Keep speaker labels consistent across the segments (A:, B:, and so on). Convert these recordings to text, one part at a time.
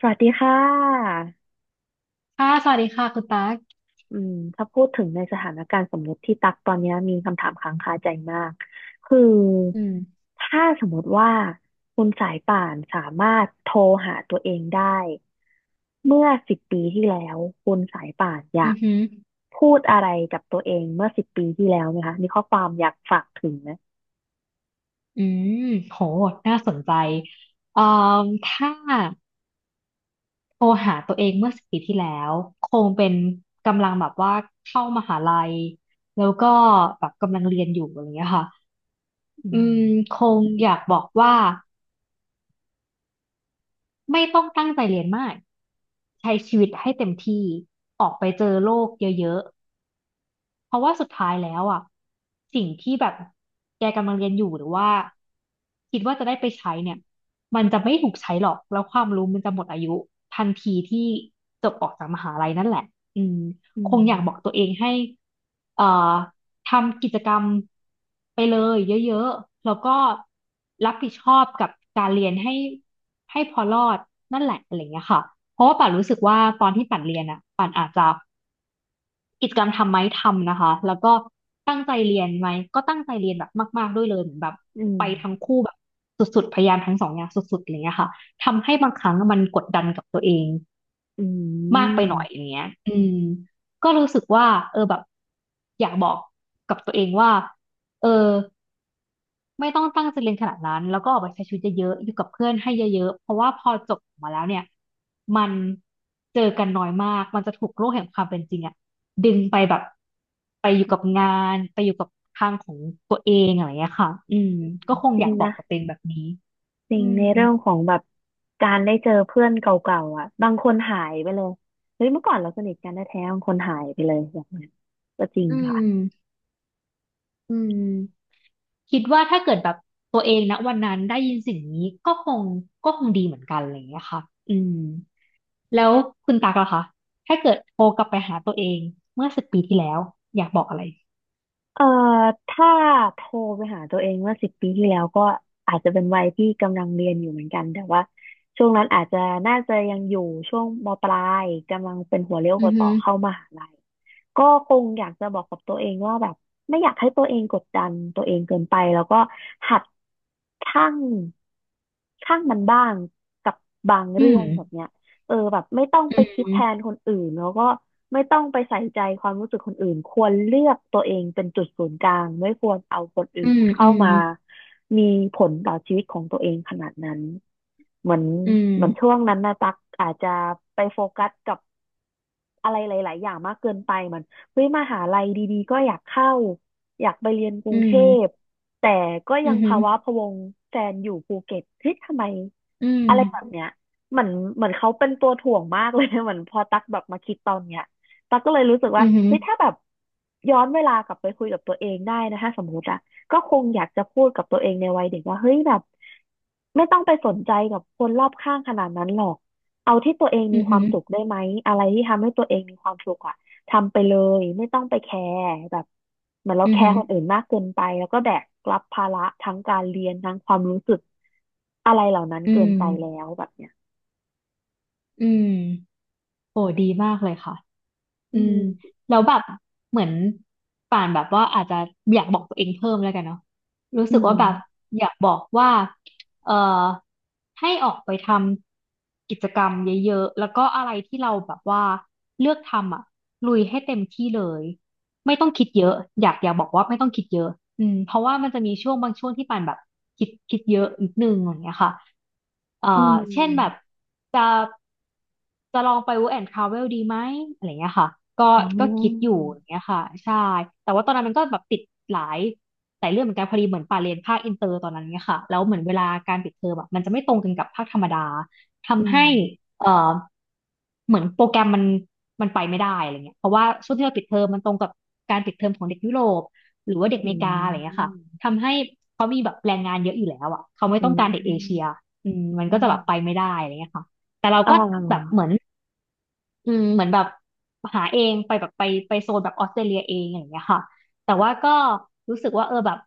A: สวัสดีค่ะ
B: ค่ะสวัสดีค่ะคุณตั๊ก
A: ถ้าพูดถึงในสถานการณ์สมมติที่ตักตอนนี้มีคำถามค้างคาใจมากคือ
B: อืม
A: ถ้าสมมติว่าคุณสายป่านสามารถโทรหาตัวเองได้เมื่อสิบปีที่แล้วคุณสายป่านอยา
B: อื
A: ก
B: อหือ
A: พูดอะไรกับตัวเองเมื่อสิบปีที่แล้วไหมคะมีข้อความอยากฝากถึงไหม
B: อืมโหน่าสนใจเอ่อถ้าโทรหาตัวเองเมื่อสิบปีที่แล้วคงเป็นกำลังแบบว่าเข้ามหาลัยแล้วก็แบบกำลังเรียนอยู่อะไรเงี้ยค่ะ
A: อื
B: อื
A: ม
B: มคงอยากบอกว่าไม่ต้องตั้งใจเรียนมากใช้ชีวิตให้เต็มที่ออกไปเจอโลกเยอะ เพราะว่าสุดท้ายแล้วอ่ะสิ่งที่แบบแกกำลังเรียนอยู่หรือว่าคิดว่าจะได้ไปใช้เนี่ยมันจะไม่ถูกใช้หรอกแล้วความรู้มันจะหมดอายุทันทีที่จบออกจากมหาลัยนั่นแหละอืม
A: อื
B: คง
A: ม
B: อยากบอกตัวเองให้เอ่อทำกิจกรรมไปเลยเยอะๆแล้วก็รับผิดชอบกับการเรียนให้พอรอดนั่นแหละอะไรเงี้ยค่ะเพราะว่าป่านรู้สึกว่าตอนที่ป่านเรียนอ่ะป่านอาจจะ กิจกรรมทำไหมทำนะคะแล้วก็ตั้งใจเรียนไหมก็ตั้งใจเรียนแบบมากๆด้วยเลยเหมือนแบบ
A: อืม
B: ไปทั้งคู่แบบสุดๆพยายามทั้งสองอย่างสุดๆอะไรเงี้ยค่ะทำให้บางครั้งมันกดดันกับตัวเอง
A: อื
B: มากไป
A: ม
B: หน่อยอย่างเงี้ยอืมก็รู้สึกว่าเออแบบอยากบอกกับตัวเองว่าเออ ไม่ต้องตั้งใจเรียนขนาดนั้นแล้วก็ออกไปใช้ชีวิตเยอะๆอยู่กับเพื่อนให้เยอะๆเพราะว่าพอจบออกมาแล้วเนี่ยมันเจอกันน้อยมากมันจะถูกโลกแห่งความเป็นจริงอะดึงไปแบบไปอยู่กับงานไปอยู่กับทางของตัวเองอะไรอย่างเงี้ยค่ะอืมก็คง
A: จ
B: อ
A: ริ
B: ยา
A: ง
B: กบอก
A: นะ
B: กับตัวเองแบบนี้
A: จริ
B: อื
A: ง
B: ม
A: ในเรื่องของแบบการได้เจอเพื่อนเก่าๆอ่ะบางคนหายไปเลยเฮ้ยเมื่อก่อนเราสนิทกันแท้ๆบางคนหายไปเลยอย่างเงี้ยก็จริง
B: อื
A: ค่ะ
B: มอืมคิดว่าถ้าเกิดแบบตัวเองนะวันนั้นได้ยินสิ่งนี้ก็คงดีเหมือนกันอะไรอย่างเงี้ยค่ะอืม แล้วคุณตากล่ะคะ ถ้าเกิดโทรกลับไปหาตัวเองเมื่อสิบปีที่แล้วอยากบอกอะไร
A: เอ่อถ้าโทรไปหาตัวเองเมื่อสิบปีที่แล้วก็อาจจะเป็นวัยที่กำลังเรียนอยู่เหมือนกันแต่ว่าช่วงนั้นอาจจะน่าจะยังอยู่ช่วงมปลายกำลังเป็นหัวเลี้ยวหั
B: อือ
A: วต่อ
B: ฮึ
A: เข้ามหาลัยก็คงอยากจะบอกกับตัวเองว่าแบบไม่อยากให้ตัวเองกดดันตัวเองเกินไปแล้วก็หัดชั่งชั่งมันบ้างกับบาง
B: อื
A: เรื่อ
B: ม
A: งแบบเนี้ย เออแบบไม่ต้อง
B: อื
A: ไปคิด
B: ม
A: แทนคนอื่นแล้วก็ไม่ต้องไปใส่ใจความรู้สึกคนอื่นควรเลือกตัวเองเป็นจุดศูนย์กลางไม่ควรเอาคนอื่
B: อื
A: น
B: ม
A: เข้า
B: อืม
A: มามีผลต่อชีวิตของตัวเองขนาดนั้นเหมือน
B: อืม
A: เหมือนช่วงนั้นนะตักอาจจะไปโฟกัสกับ อะไรหลายๆอย่างมากเกินไปเหมือนเฮ้ยมหาลัยดีๆก็อยากเข้าอยากไปเรียนกรุ
B: อื
A: งเท
B: ม
A: พแต่ก็
B: อื
A: ยังภาวะ
B: ม
A: พะวงแฟนอยู่ภูเก็ตเฮ้ยทำไม
B: อืม
A: อะไรแบบเนี้ยเหมือนเหมือนเขาเป็นตัวถ่วงมากเลย เหมือนพอตักแบบมาคิดตอนเนี้ยตักก็เลยรู้สึก
B: อื
A: ว่า
B: ม
A: เฮ้ยถ้าแบบย้อนเวลากลับไปคุยกับตัวเองได้นะถ้าสมมติอะก็คงอยากจะพูดกับตัวเองในวัยเด็กว่าเฮ้ยแบบไม่ต้องไปสนใจกับคนรอบข้างขนาดนั้นหรอก เอาที่ตัวเอง
B: อื
A: มีความ
B: ม
A: สุขได้ไหมอะไรที่ทำให้ตัวเองมีความสุขอะทำไปเลยไม่ต้องไปแคร์แบบเหมือนเรา
B: อื
A: แค
B: มอื
A: ร์
B: ม
A: คนอื่นมากเกินไปแล้วก็แบกรับภาระทั้งการเรียนทั้งความรู้สึกอะไรเหล่านั้น
B: อื
A: เกิน
B: ม
A: ไปแล้วแบบเนี้ย
B: อืม
A: อื
B: อืม
A: ม
B: แล้วแบบเหมือนป่านแบบว่าอาจจะอยากบอกตัวเองเพิ่มแล้วกันเนาะรู้
A: อื
B: สึก
A: ม
B: ว่าแบบอยากบอกว่าเอ่อให้ออกไปทำกิจกรรมเยอะๆแล้วก็อะไรที่เราแบบว่าเลือกทำอ่ะลุยให้เต็มที่เลย ไม่ต้องคิดเยอะอยากบอกว่าไม่ต้องคิดเยอะอืมเพราะว่ามันจะมีช่วงบางช่วงที่ปานแบบคิดเยอะนิดนึงอย่างเงี้ยค่ะเอ่
A: อื
B: อเช่นแบบ
A: ม
B: จะจะลองไป work and travel ดีไหมอะไรเงี้ยค่ะก็
A: อ๋อ
B: ก็คิดอยู่อย่างเงี้ยค่ะใช่แต่ว่าตอนนั้นมันก็แบบติดหลายหลายเรื่องเหมือนกันพอดีเหมือนปาเรียนภาคอินเตอร์ตอนนั้นเงี้ยค่ะแล้วเหมือนเวลาการปิดเทอมอะมันจะไม่ตรงกันกับภาคธรรมดา
A: อื
B: ทำ
A: ม
B: ให้เอ่อเหมือนโปรแกรมมันไปไม่ได้อะไรเงี้ยเพราะว่าช่วงที่เราปิดเทอมมันตรงกับการปิดเทอมของเด็กยุโรปหรือว่าเด็กอ
A: อื
B: เมริกาอะไรเงี้ยค่ะ
A: ม
B: ทำให้เขามีแบบแรงงานเยอะอยู่แล้วอ่ะเขาไม่
A: อื
B: ต้องการเด็กเอเชีย
A: ม
B: อืมมัน
A: อื
B: ก็จะแบบไป
A: ม
B: ไม่ได้อะไรเงี้ยค่ะแต่เรา
A: อ่
B: ก็แบบ
A: า
B: เหมือน อืมเหมือนแบบหาเองไปแบบไปโซนแบบออสเตรเลียเองอย่างเงี้ยค่ะแต่ว่าก็รู้สึกว่าเออแบบ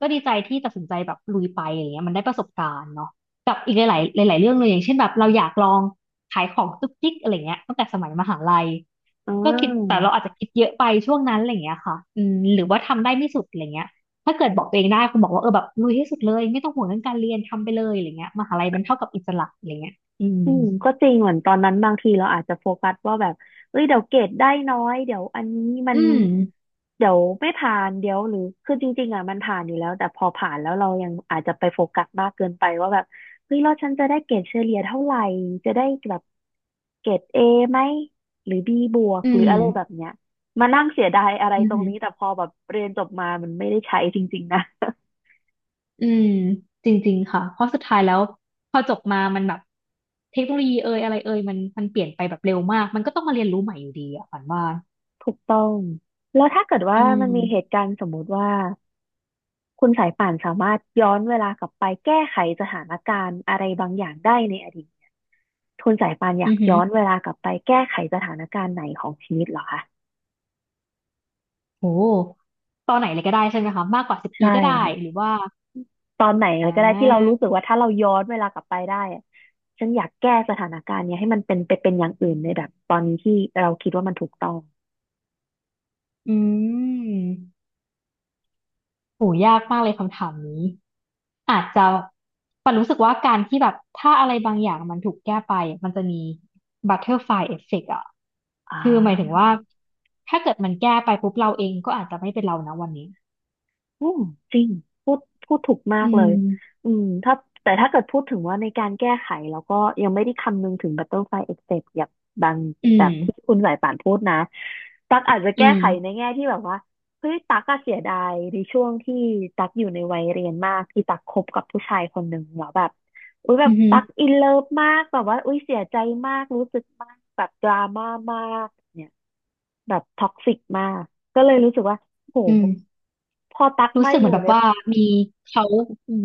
B: ก็ดีใจที่ตัดสินใจแบบลุยไปอย่างเงี้ยมันได้ประสบการณ์เนาะกับอีกหลายๆหลายๆเรื่องเลยอย่างเช่นแบบเราอยากลองขายของจุกจิกอะไรเงี้ยตั้งแต่สมัยมหาลัย
A: อ่
B: ก็คิดแต่
A: า
B: เราอาจจะคิดเยอะไปช่วงนั้นอะไรเงี้ยค่ะอืมหรือว่าทำได้ไม่สุดอะไรเงี้ยถ้าเกิดบอกตัวเองได้คุณบอกว่าเออแบบลุยให้สุดเลยไม่ต้องห่วงเรื่องการเรียนทำไปเลยอะไรเงี้ยมหาลัยมันเท่ากับอิสระอะไรเงี้ยอืม
A: อืมก็จริงเหมือนตอนนั้นบางทีเราอาจจะโฟกัสว่าแบบเอ้ยเดี๋ยวเกรดได้น้อยเดี๋ยวอันนี้มัน
B: อืม
A: เดี๋ยวไม่ผ่านเดี๋ยวหรือคือจริงๆอ่ะมันผ่านอยู่แล้วแต่พอผ่านแล้วเรายังอาจจะไปโฟกัสมากเกินไปว่าแบบเฮ้ยแล้วฉันจะได้เกรดเฉลี่ยเท่าไหร่จะได้แบบเกรดเอไหมหรือบีบวก
B: อื
A: หรือ
B: ม
A: อะไรแบบเนี้ยมานั่งเสียดายอะไร
B: อื
A: ตรงนี้
B: ม
A: แต่พอแบบเรียนจบมามันไม่ได้ใช้จริงๆนะ
B: อืมจริงๆค่ะ เพราะสุดท้ายแล้วพอจบมา มันแบบเทคโนโลยีเอ่ยอะไรเอ่ยมันเปลี่ยนไปแบบเร็วมาก มันก็ต้องมาเรียนรู้ใหม่อยู่ดีอะฝันว่า
A: ถูกต้องแล้วถ้าเกิดว่า
B: อื
A: มันมีเหตุ
B: ม
A: การณ์สมมุติว่า คุณสายป่านสามารถย้อนเวลากลับไปแก้ไขสถานการณ์อะไรบางอย่างได้ในอดีตคุณสายป่านอยา
B: อื
A: ก
B: อหือ
A: ย้อนเวลากลับไปแก้ไขสถานการณ์ไหนของชีวิตเหรอคะ
B: โอ้ตอนไหนเลยก็ได้ใช่ไหมคะมากกว่าสิบปี
A: ใช่
B: ก็ได้ห
A: ค่ะ
B: รือว่า
A: ตอนไหน
B: อ่
A: เลยก็ได้ที่เรารู้
B: า
A: สึกว่าถ้าเราย้อนเวลากลับไปได้อะฉันอยากแก้สถานการณ์เนี้ยให้มันเป็นไปเป็นอย่างอื่นในแบบตอนนี้ที่เราคิดว่ามันถูกต้อง
B: อืม โหยากมากเลยคำถามนี้อาจจะปันรู้สึกว่าการที่แบบถ้าอะไรบางอย่างมันถูกแก้ไปมันจะมีบัตเตอร์ฟลายเอฟเฟกต์อ่ะ
A: อ่า
B: คือหมายถึงว่าถ้าเกิดมันแก้ไปปุ๊บเราเองก็อาจจะไม่เป็นเรานะวันนี้
A: อืมจริงพูดพูดถูกมา
B: อื
A: กเล
B: ม
A: ยอืมถ้าแต่ถ้าเกิดพูดถึงว่าในการแก้ไขแล้วก็ยังไม่ได้คำนึงถึง Butterfly Effect อย่างบาง
B: อื
A: แบ
B: ม
A: บที่คุณสายป่านพูดนะตักอาจจะ
B: อื
A: แก้
B: ม
A: ไขในแง่ที่แบบว่าเฮ้ยตักก็เสียดายในช่วงที่ตักอยู่ในวัยเรียนมากที่ตักคบกับผู้ชายคนหนึ่งแล้วแบบอุ้ยแบ
B: อื
A: บ
B: มอหือ
A: ตักอินเลิฟมากแบบว่าอุ้ยเสียใจมากรู้สึกมากแบบดราม่ามากเนี่ย แบบท็อกซิกมาก ก็เลยรู้สึกว่า โห
B: อืม
A: พอตัก
B: รู้
A: มา
B: สึก
A: อ
B: เหมือน
A: ยู่
B: แบ
A: ใน
B: บว่ามีเขาอืม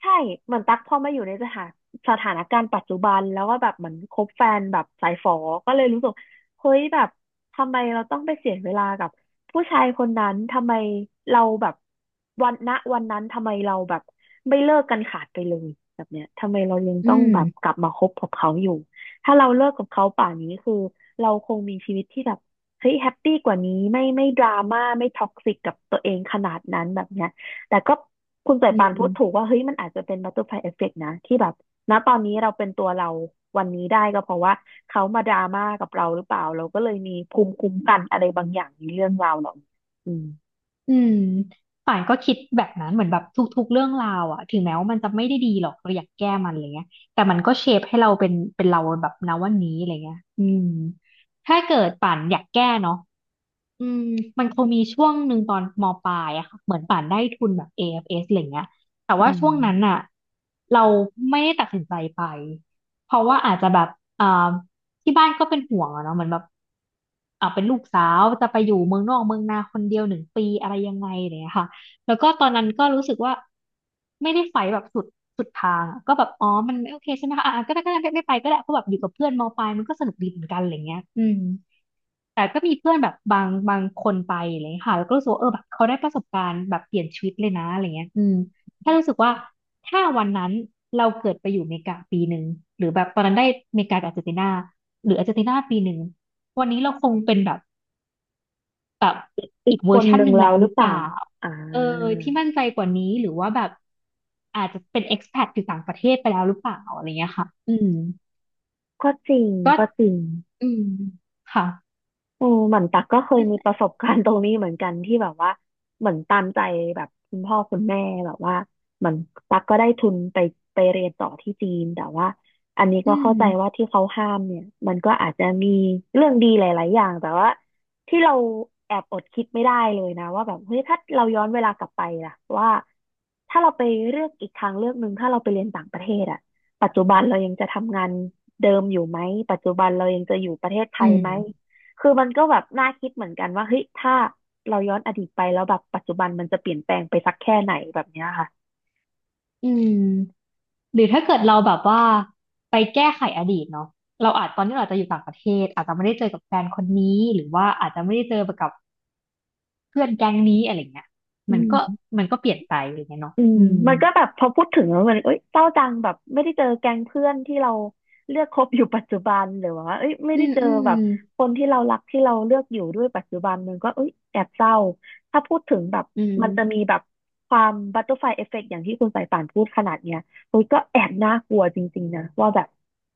A: ใช่เหมือนตั๊กพอมาอยู่ในสถานการณ์ปัจจุบันแล้วก็แบบเหมือนคบแฟนแบบสายฝอก็เลยรู้สึกเฮ้ยแบบทำไมเราต้องไปเสียเวลากับผู้ชายคนนั้นทำไมเราแบบวันณวันนั้นทำไมเราแบบไม่เลิกกันขาดไปเลยแบบเนี้ยทำไมเรายัง
B: อื
A: ต้อง
B: ม
A: แบบกลับมาคบกับเขาอยู่ถ้าเราเลิกกับเขาป่านนี้คือเราคงมีชีวิตที่แบบเฮ้ยแฮปปี้กว่านี้ไม่ไม่ดราม่าไม่ท็อกซิกกับตัวเองขนาดนั้นแบบเนี้ย แต่ก็คุณสาย
B: อื
A: ปานพูดถูก
B: ม
A: ว่าเฮ้ยมันอาจจะเป็นบัตเตอร์ฟลายเอฟเฟกต์นะที่แบบณตอนนี้เราเป็นตัวเราวันนี้ได้ก็เพราะว่าเขามาดราม่ากับเราหรือเปล่าเราก็เลยมีภูมิคุ้มกันอะไรบางอย่างในเรื่องราวเหล่านี้อืม
B: อืมป่านก็คิดแบบนั้นเหมือนแบบทุกๆเรื่องราวอะถึงแม้ว่ามันจะไม่ได้ดีหรอกเราอยากแก้มันอะไรเงี้ยแต่มันก็เชฟให้เราเป็นเราแบบณวันนี้อะไรเงี้ยอืมถ้าเกิดป่านอยากแก้เนาะอืมมันคงมีช่วงหนึ่งตอนมปลายอะค่ะเหมือนป่านได้ทุนแบบ AFS อเอฟเอสอะไรเงี้ยแต่ว่า
A: อื
B: ช่วงนั้น
A: ม
B: อะเราไม่ได้ตัดสินใจไปเพราะว่าอาจจะแบบอ่า ที่บ้านก็เป็นห่วงอะเนาะเหมือนแบบเป็นลูกสาวจะไปอยู่เมืองนอกเมืองนาคนเดียวหนึ่งปีอะไรยังไงอะไรอย่างเนี่ยค่ะแล้วก็ตอนนั้นก็รู้สึกว่าไม่ได้ไฟแบบสุดทางอะก็แบบอ๋อมันไม่โอเคใช่ไหมคะอ่ะก็ได้ก็ได้ไม่ไปก็ได้เพราะแบบอยู่กับเพื่อนมปลายมันก็สนุกดีเหมือนกันอะไรเงี้ยอืม แต่ก็มีเพื่อนแบบบางคนไปอะไรอย่างเลยค่ะแล้วก็รู้สึกว่าเออแบบเขาได้ประสบการณ์แบบเปลี่ยนชีวิตเลยนะอะไรเงี้ยอืมแค่รู้สึกว่าถ้าวันนั้นเราเกิดไปอยู่อเมริกาปีหนึ่งหรือแบบตอนนั้นได้อเมริกากับอาร์เจนตินาหรืออาร์เจนตินาปีหนึ่งวันนี้เราคงเป็นแบบ
A: อี
B: อี
A: ก
B: กเว
A: ค
B: อร์
A: น
B: ชั
A: ห
B: น
A: นึ่
B: ห
A: ง
B: นึ่ง
A: เรา
B: แล้ว
A: ห
B: ห
A: รื
B: รื
A: อ
B: อ
A: เป
B: เป
A: ล่า
B: ล่า
A: อ่า
B: เออที่มั่นใจกว่านี้หรือว่าแบบอาจจะเป็น expat อยู่ต่างประเทศไปแล้วหรือเปล่าอะไรเงี้ยค่ะอืม
A: ก็จริง
B: ก็
A: ก็จริง
B: อืมค่ะ
A: เอมเหมือนตักก็เคยมีประสบการณ์ตรงนี้เหมือนกันที่แบบว่าเหมือนตามใจแบบคุณพ่อคุณแม่แบบว่าเหมือนตักก็ได้ทุนไปไปเรียนต่อที่จีนแต่ว่าอันนี้
B: อื
A: ก็เข้า
B: ม
A: ใจว่าที่เขาห้ามเนี่ยมันก็อาจจะมีเรื่องดีหลายๆอย่างแต่ว่าที่เราแอบอดคิดไม่ได้เลยนะว่าแบบเฮ้ยถ้าเราย้อนเวลากลับไปล่ะว่าถ้าเราไปเลือกอีกทางเลือกหนึ่งถ้าเราไปเรียนต่างประเทศอะปัจจุบันเรายังจะทำงานเดิมอยู่ไหมปัจจุบันเรายังจะอยู่ประเทศไท
B: อื
A: ยไหม
B: ม
A: คือมันก็แบบน่าคิดเหมือนกันว่าเฮ้ยถ้าเราย้อนอดีตไปแล้วแบบปัจจุบันมันจะเปลี่ยนแปลงไปสักแค่ไหนแบบเนี้ยค่ะ
B: อืมหรือถ้าเกิดเราแบบว่าไปแก้ไขอดีตเนาะเราอาจตอนนี้เราอาจจะอยู่ต่างประเทศอาจจะไม่ได้เจอกับแฟนคนนี้หรือว่าอาจจะไม่ได้เจอกับเพื่อนแก๊งนี้อะไรเงี้ย
A: อื
B: มันก็
A: ม
B: มันก็เปลี่ยนไปอะไรเงี้ยเนาะ
A: อืม
B: อืม
A: มันก็แบบพอพูดถึงแล้วมันเอ้ยเศร้าจังแบบไม่ได้เจอแก๊งเพื่อนที่เราเลือกคบอยู่ปัจจุบันหรือว่าเอ้ยไม่
B: อื
A: ได้
B: ม
A: เจอ
B: อืม
A: แบบคนที่เรารักที่เราเลือกอยู่ด้วยปัจจุบันมันก็เอ้ยแอบเศร้าถ้าพูดถึงแบบ
B: อื
A: มันจะมี
B: ม
A: แบบความบัตเตอร์ฟลายเอฟเฟกต์อย่างที่คุณสายป่านพูดขนาดเนี้ยเฮ้ยก็แอบน่ากลัวจริงๆนะว่าแบบ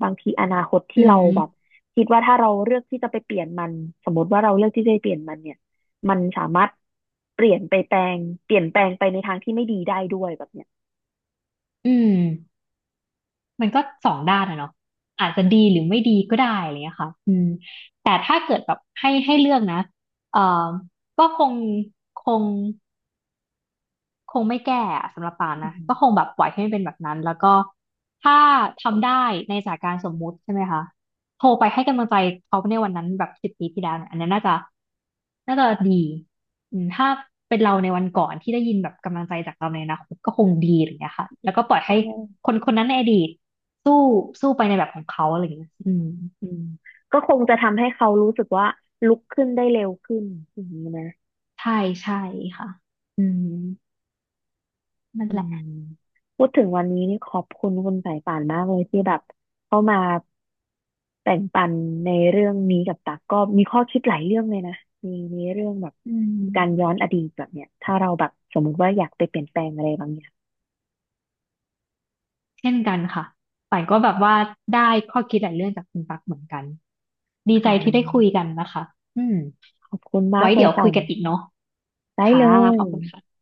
A: บางทีอนาคตที่
B: อื
A: เรา
B: ม
A: แบบคิดว่าถ้าเราเลือกที่จะไปเปลี่ยนมันสมมติว่าเราเลือกที่จะไปเปลี่ยนมันเนี่ย มันสามารถเปลี่ยนไปแปลงเปลี่ยนแปลงไปในทางที่ไม่ดีได้ด้วยแบบเนี้ย
B: อืมมันก็สองด้านอะเนาะอาจจะดีหรือไม่ดีก็ได้อะไรเงี้ยค่ะอืมแต่ถ้าเกิดแบบให้เลือกนะเอ่อก็คง คงไม่แก้อะสำหรับปาน
A: อื
B: นะก็คง
A: ม
B: แบบปล่อยให้มันเป็นแบบนั้นแล้วก็ถ้าทำได้ในสถานการณ์สมมุติใช่ไหมคะโทรไปให้กำลังใจเขาในวันนั้นแบบ10 ปีที่แล้วเนี่ยอันนี้นน่าจะดีอืมถ้าเป็นเราในวันก่อนที่ได้ยินแบบกำลังใจจากเราในอนาคตก็คงดีอะไรอย่างเงี้ยค่ะแล้วก็ปล่อย
A: ใช
B: ให้
A: ่
B: คนคนนั้นในอดีตสู้สู้ไปในแบบของเขาอะไรอย่างเงี้ยอืม
A: อืมก็คงจะทำให้เขารู้สึกว่าลุกขึ้นได้เร็วขึ้นอย่างนี้นะ
B: ใช่ใช่ค่ะอืมนั่น
A: อื
B: แห
A: ม
B: ละ
A: พูดถึงวันนี้นี่ขอบคุณคุณสายป่านมากเลยที่แบบเข้ามาแบ่งปันในเรื่องนี้กับตักก็มีข้อคิดหลายเรื่องเลยนะมีมีเรื่องแบบ
B: อื
A: การย้
B: ม
A: อนอดีตแบบเนี้ยถ้าเราแบบสมมุติว่าอยากไปเปลี่ยนแปลงอะไรบางอย่าง
B: เช่นกันค่ะป่านก็แบบว่าได้ข้อคิดหลายเรื่องจากคุณปักเหมือนกัน ดี
A: ค่
B: ใจที่ได้คุ
A: ะ
B: ยกันนะคะอืม
A: ขอบคุณมา
B: ไว้
A: กเล
B: เดี๋
A: ย
B: ยว
A: ค่ะ
B: คุยกันอีกเนาะ
A: ได้
B: ค่ะ
A: เล
B: ข
A: ย
B: อบคุณค่ะ